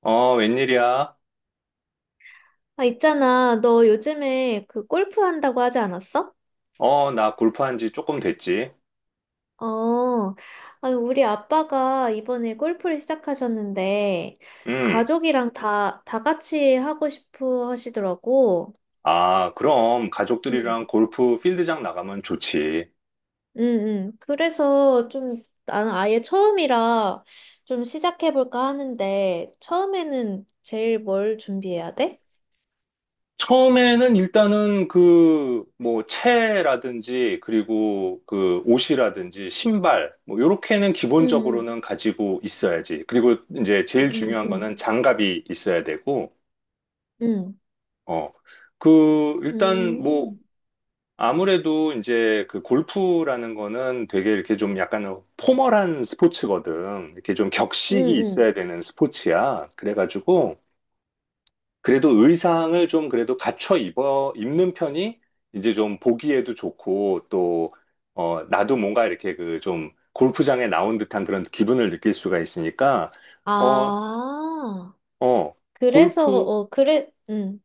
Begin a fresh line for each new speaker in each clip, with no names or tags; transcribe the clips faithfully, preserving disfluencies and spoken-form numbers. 어, 웬일이야?
아, 있잖아. 너 요즘에 그 골프 한다고 하지 않았어?
어, 나 골프한 지 조금 됐지.
어, 아니, 우리 아빠가 이번에 골프를 시작하셨는데,
음.
가족이랑 다, 다 같이 하고 싶어 하시더라고.
아, 그럼
응,
가족들이랑 골프 필드장 나가면 좋지.
응, 응. 그래서 좀, 나는 아예 처음이라 좀 시작해볼까 하는데, 처음에는 제일 뭘 준비해야 돼?
처음에는 일단은 그, 뭐, 채라든지, 그리고 그 옷이라든지, 신발, 뭐, 요렇게는
응,
기본적으로는 가지고 있어야지. 그리고 이제
응,
제일
응,
중요한
응,
거는 장갑이 있어야 되고,
응,
어. 그, 일단 뭐,
응,
아무래도 이제 그 골프라는 거는 되게 이렇게 좀 약간 포멀한 스포츠거든. 이렇게 좀
응,
격식이
응. 응.
있어야 되는 스포츠야. 그래가지고 그래도 의상을 좀 그래도 갖춰 입어 입는 편이 이제 좀 보기에도 좋고 또 어, 나도 뭔가 이렇게 그 좀 골프장에 나온 듯한 그런 기분을 느낄 수가 있으니까 어,
아.
어,
그래서
골프
어 그래 음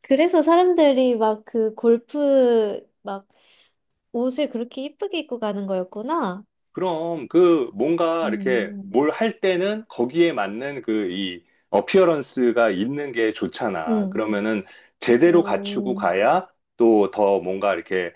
그래서 사람들이 막 그 골프 막 옷을 그렇게 이쁘게 입고 가는 거였구나.
그럼 그 뭔가 이렇게
음,
뭘 할 때는 거기에 맞는 그 이 어피어런스가 있는 게 좋잖아.
응.
그러면은 제대로 갖추고
음,
가야 또 더 뭔가 이렇게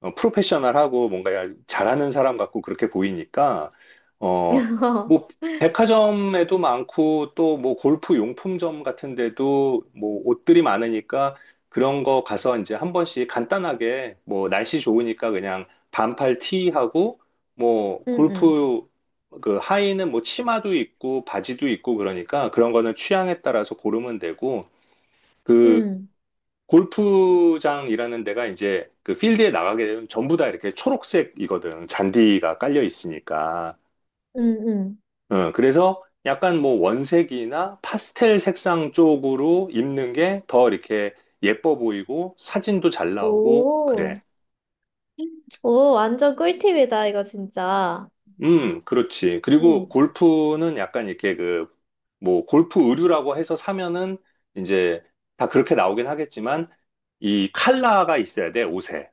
어, 프로페셔널하고 뭔가 잘하는 사람 같고 그렇게 보이니까, 어, 뭐, 백화점에도 많고 또 뭐 골프 용품점 같은 데도 뭐 옷들이 많으니까 그런 거 가서 이제 한 번씩 간단하게 뭐 날씨 좋으니까 그냥 반팔 티하고 뭐
응응.
골프 그 하의는 뭐 치마도 있고 바지도 있고 그러니까 그런 거는 취향에 따라서 고르면 되고 그
응.
골프장이라는 데가 이제 그 필드에 나가게 되면 전부 다 이렇게 초록색이거든. 잔디가 깔려 있으니까.
응응.
어, 그래서 약간 뭐 원색이나 파스텔 색상 쪽으로 입는 게 더 이렇게 예뻐 보이고 사진도 잘 나오고
오,
그래.
오 완전 꿀팁이다 이거 진짜.
음, 그렇지.
응.
그리고 골프는 약간 이렇게 그 뭐 골프 의류라고 해서 사면은 이제 다 그렇게 나오긴 하겠지만 이 칼라가 있어야 돼, 옷에.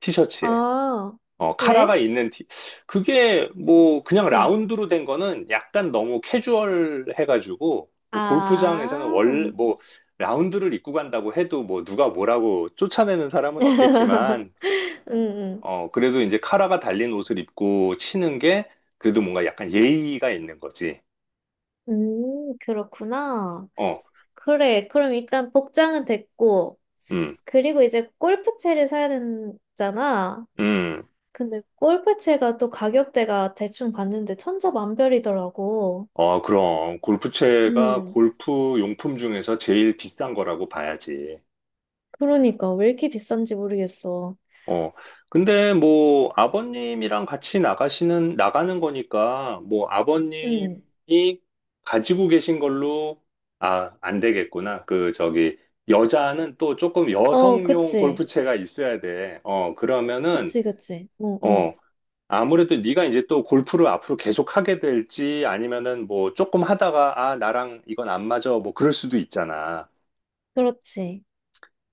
티셔츠에.
아.
어, 카라가
왜?
있는 티, 그게 뭐 그냥
응.
라운드로 된 거는 약간 너무 캐주얼 해가지고 뭐 골프장에서는 원래
아.
뭐 라운드를 입고 간다고 해도 뭐 누가 뭐라고 쫓아내는 사람은 없겠지만
응응.
어, 그래도 이제 카라가 달린 옷을 입고 치는 게 그래도 뭔가 약간 예의가 있는 거지.
음, 그렇구나.
어,
그래, 그럼 일단 복장은 됐고.
음,
그리고 이제 골프채를 사야 되잖아.
음.
근데 골프채가 또 가격대가 대충 봤는데 천차만별이더라고.
어, 그럼 골프채가
음,
골프 용품 중에서 제일 비싼 거라고 봐야지.
그러니까 왜 이렇게 비싼지 모르겠어.
어, 근데 뭐 아버님이랑 같이 나가시는, 나가는 거니까 뭐
음,
아버님이 가지고 계신 걸로, 아, 안 되겠구나. 그, 저기, 여자는 또 조금
어,
여성용
그치.
골프채가 있어야 돼. 어, 그러면은,
그치, 그치. 응, 응.
어, 아무래도 네가 이제 또 골프를 앞으로 계속 하게 될지 아니면은 뭐 조금 하다가, 아, 나랑 이건 안 맞아. 뭐 그럴 수도 있잖아.
그렇지.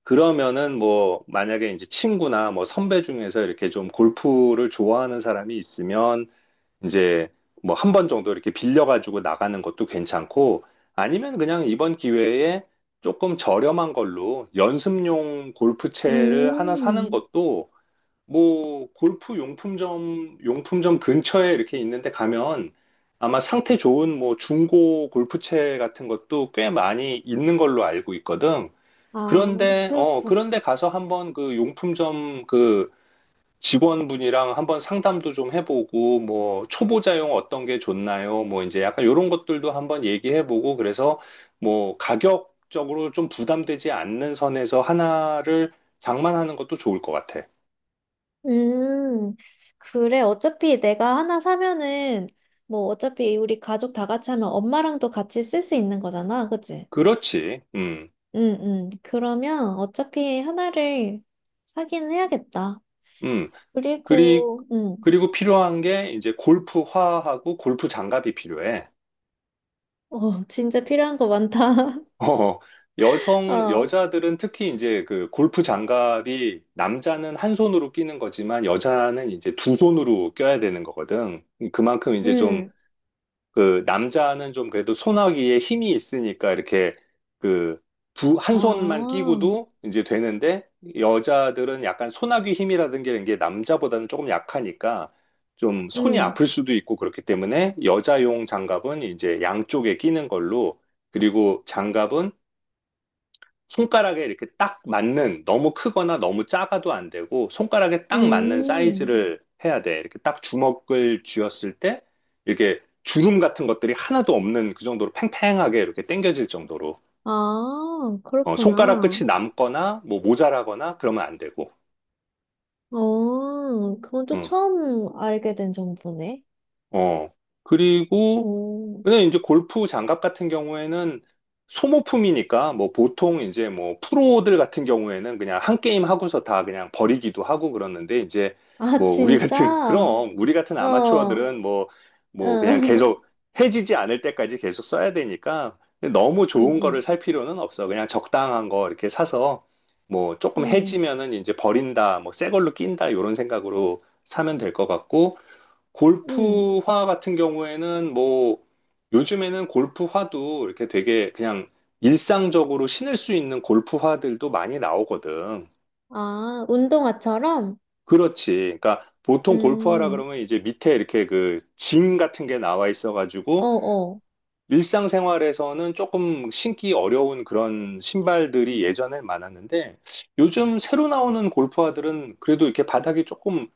그러면은 뭐 만약에 이제 친구나 뭐 선배 중에서 이렇게 좀 골프를 좋아하는 사람이 있으면 이제 뭐 한 번 정도 이렇게 빌려가지고 나가는 것도 괜찮고 아니면 그냥 이번 기회에 조금 저렴한 걸로 연습용 골프채를 하나 사는
음,
것도 뭐 골프 용품점 용품점 근처에 이렇게 있는데 가면 아마 상태 좋은 뭐 중고 골프채 같은 것도 꽤 많이 있는 걸로 알고 있거든.
아,
그런데, 어,
그렇구나.
그런데 가서 한번 그 용품점 그 직원분이랑 한번 상담도 좀 해보고, 뭐, 초보자용 어떤 게 좋나요? 뭐, 이제 약간 이런 것들도 한번 얘기해보고, 그래서 뭐, 가격적으로 좀 부담되지 않는 선에서 하나를 장만하는 것도 좋을 것 같아.
음, 그래. 어차피 내가 하나 사면은 뭐 어차피 우리 가족 다 같이 하면 엄마랑도 같이 쓸 수 있는 거잖아. 그치?
그렇지. 음,
응, 응. 그러면 어차피 하나를 사긴 해야겠다.
음. 그리,
그리고, 응.
그리고 필요한 게 이제 골프화하고 골프 장갑이 필요해.
어, 진짜 필요한 거 많다.
어, 여성,
어,
여자들은 특히 이제 그 골프 장갑이 남자는 한 손으로 끼는 거지만 여자는 이제 두 손으로 껴야 되는 거거든. 그만큼 이제 좀
응.
그 남자는 좀 그래도 손아귀에 힘이 있으니까 이렇게 그 두, 한 손만
아,
끼고도 이제 되는데 여자들은 약간 손아귀 힘이라든 게 이런 게 남자보다는 조금 약하니까 좀 손이
응,
아플 수도 있고 그렇기 때문에 여자용 장갑은 이제 양쪽에 끼는 걸로 그리고 장갑은 손가락에 이렇게 딱 맞는 너무 크거나 너무 작아도 안 되고 손가락에 딱 맞는
응.
사이즈를 해야 돼. 이렇게 딱 주먹을 쥐었을 때 이렇게 주름 같은 것들이 하나도 없는 그 정도로 팽팽하게 이렇게 당겨질 정도로
아,
어, 손가락
그렇구나.
끝이 남거나 뭐 모자라거나 그러면 안 되고
어, 그건 또
응.
처음 알게 된 정보네.
어 그리고
오.
근데 이제 골프 장갑 같은 경우에는 소모품이니까 뭐 보통 이제 뭐 프로들 같은 경우에는 그냥 한 게임 하고서 다 그냥 버리기도 하고 그러는데 이제
아,
뭐 우리
진짜?
같은 그럼 우리 같은
어, 어.
아마추어들은 뭐 뭐 그냥 계속 해지지 않을 때까지 계속 써야 되니까 너무
응,
좋은 거를
응,
살 필요는 없어. 그냥 적당한 거 이렇게 사서 뭐 조금
응,
해지면은 이제 버린다, 뭐 새 걸로 낀다 이런 생각으로 사면 될 것 같고
응.
골프화 같은 경우에는 뭐 요즘에는 골프화도 이렇게 되게 그냥 일상적으로 신을 수 있는 골프화들도 많이 나오거든.
아, 운동화처럼?
그렇지. 그러니까 보통 골프화라
음,
그러면 이제 밑에 이렇게 그 징 같은 게 나와
어,
있어가지고
어.
일상생활에서는 조금 신기 어려운 그런 신발들이 예전에 많았는데 요즘 새로 나오는 골프화들은 그래도 이렇게 바닥이 조금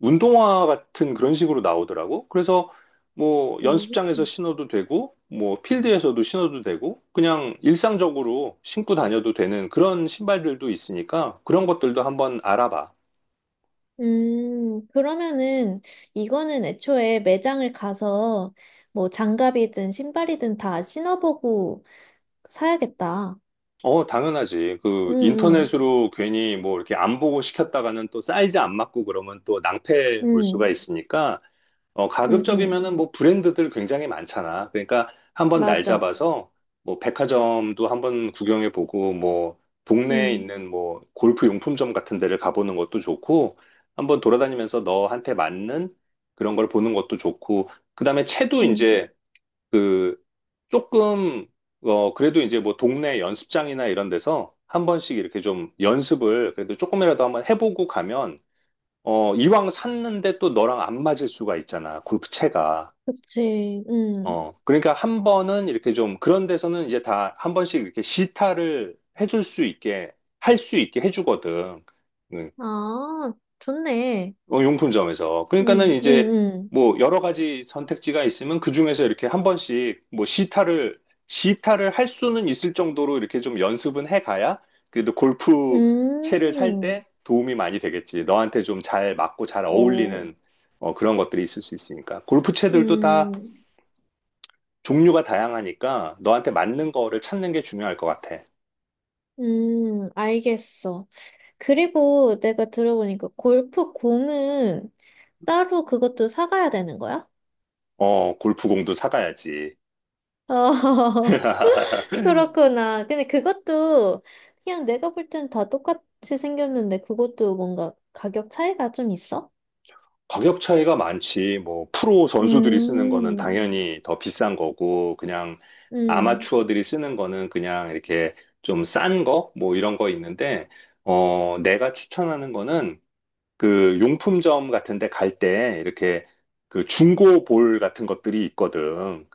운동화 같은 그런 식으로 나오더라고. 그래서 뭐
네.
연습장에서 신어도 되고, 뭐 필드에서도 신어도 되고, 그냥 일상적으로 신고 다녀도 되는 그런 신발들도 있으니까 그런 것들도 한번 알아봐.
음, 그러면은 이거는 애초에 매장을 가서 뭐 장갑이든 신발이든 다 신어보고 사야겠다.
어, 당연하지.
응,
그
응,
인터넷으로 괜히 뭐 이렇게 안 보고 시켰다가는 또 사이즈 안 맞고 그러면 또 낭패 볼
응,
수가 있으니까 어,
응, 응.
가급적이면은 뭐 브랜드들 굉장히 많잖아. 그러니까 한번 날
맞아.
잡아서 뭐 백화점도 한번 구경해 보고 뭐 동네에
응,
있는 뭐 골프 용품점 같은 데를 가보는 것도 좋고 한번 돌아다니면서 너한테 맞는 그런 걸 보는 것도 좋고 그다음에 채도
응.
이제 그 조금 어 그래도 이제 뭐 동네 연습장이나 이런 데서 한 번씩 이렇게 좀 연습을 그래도 조금이라도 한번 해보고 가면 어 이왕 샀는데 또 너랑 안 맞을 수가 있잖아 골프채가
그치. 응.
어 그러니까 한 번은 이렇게 좀 그런 데서는 이제 다 한 번씩 이렇게 시타를 해줄 수 있게 할 수 있게 해주거든 음,
아, 좋네.
어, 용품점에서. 그러니까는
응,
이제
응,
뭐 여러 가지 선택지가 있으면 그 중에서 이렇게 한 번씩 뭐 시타를, 시타를 할 수는 있을 정도로 이렇게 좀 연습은 해 가야 그래도
응.
골프 채를 살
음,
때 도움이 많이 되겠지. 너한테 좀 잘 맞고 잘
오,
어울리는 어, 그런 것들이 있을 수 있으니까. 골프 채들도 다
음,
종류가 다양하니까 너한테 맞는 거를 찾는 게 중요할 것 같아.
음, 알겠어. 그리고 내가 들어보니까 골프 공은 따로 그것도 사가야 되는 거야?
어, 골프공도 사가야지.
어, 그렇구나. 근데 그것도 그냥 내가 볼 땐 다 똑같이 생겼는데 그것도 뭔가 가격 차이가 좀 있어?
가격 차이가 많지. 뭐, 프로 선수들이 쓰는 거는
음,
당연히 더 비싼 거고, 그냥
음,
아마추어들이 쓰는 거는 그냥 이렇게 좀 싼 거? 뭐 이런 거 있는데, 어, 내가 추천하는 거는 그 용품점 같은 데 갈 때 이렇게 그 중고 볼 같은 것들이 있거든.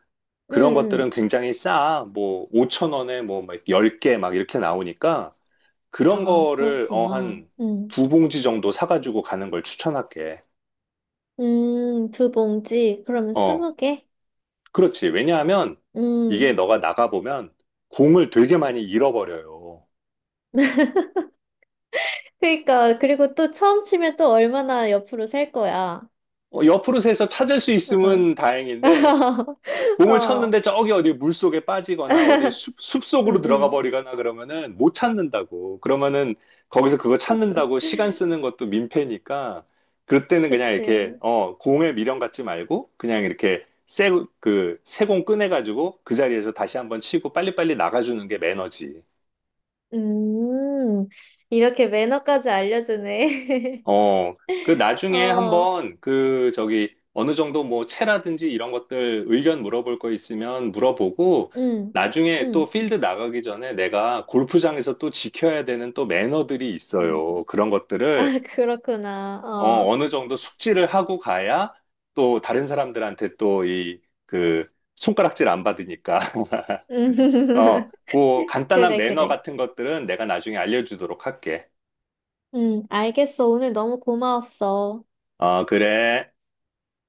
음,
그런
음.
것들은 굉장히 싸. 뭐, 오천 원에 뭐, 막 열 개 막 이렇게 나오니까 그런
아,
거를, 어,
그렇구나.
한
음,
두 봉지 정도 사가지고 가는 걸 추천할게.
음, 두 봉지. 그러면
어.
스무 개?
그렇지. 왜냐하면 이게
음.
너가 나가보면 공을 되게 많이 잃어버려요.
그러니까, 그리고 또 처음 치면 또 얼마나 옆으로 셀 거야.
어, 옆으로 새서 찾을 수 있으면 다행인데 공을
어.
쳤는데 저기 어디 물속에 빠지거나 어디 숲, 숲속으로
응,
들어가
응.
버리거나 그러면은 못 찾는다고. 그러면은 거기서 그거 찾는다고 시간 쓰는 것도 민폐니까 그럴 때는 그냥 이렇게
그치.
어, 공에 미련 갖지 말고 그냥 이렇게 새, 그, 새공 꺼내가지고 그 자리에서 다시 한번 치고 빨리빨리 나가주는 게 매너지.
음, 이렇게 매너까지 알려주네.
어, 그 나중에
어,
한번 그 저기 어느 정도 뭐 채라든지 이런 것들 의견 물어볼 거 있으면 물어보고
응,
나중에 또
응,
필드 나가기 전에 내가 골프장에서 또 지켜야 되는 또 매너들이
응.
있어요. 그런 것들을
아, 그렇구나.
어,
어.
어느 정도 숙지를 하고 가야 또 다른 사람들한테 또 이 그 손가락질 안 받으니까.
음.
어, 그 간단한
그래,
매너
그래.
같은 것들은 내가 나중에 알려주도록 할게.
응, 알겠어. 오늘 너무 고마웠어.
어, 그래.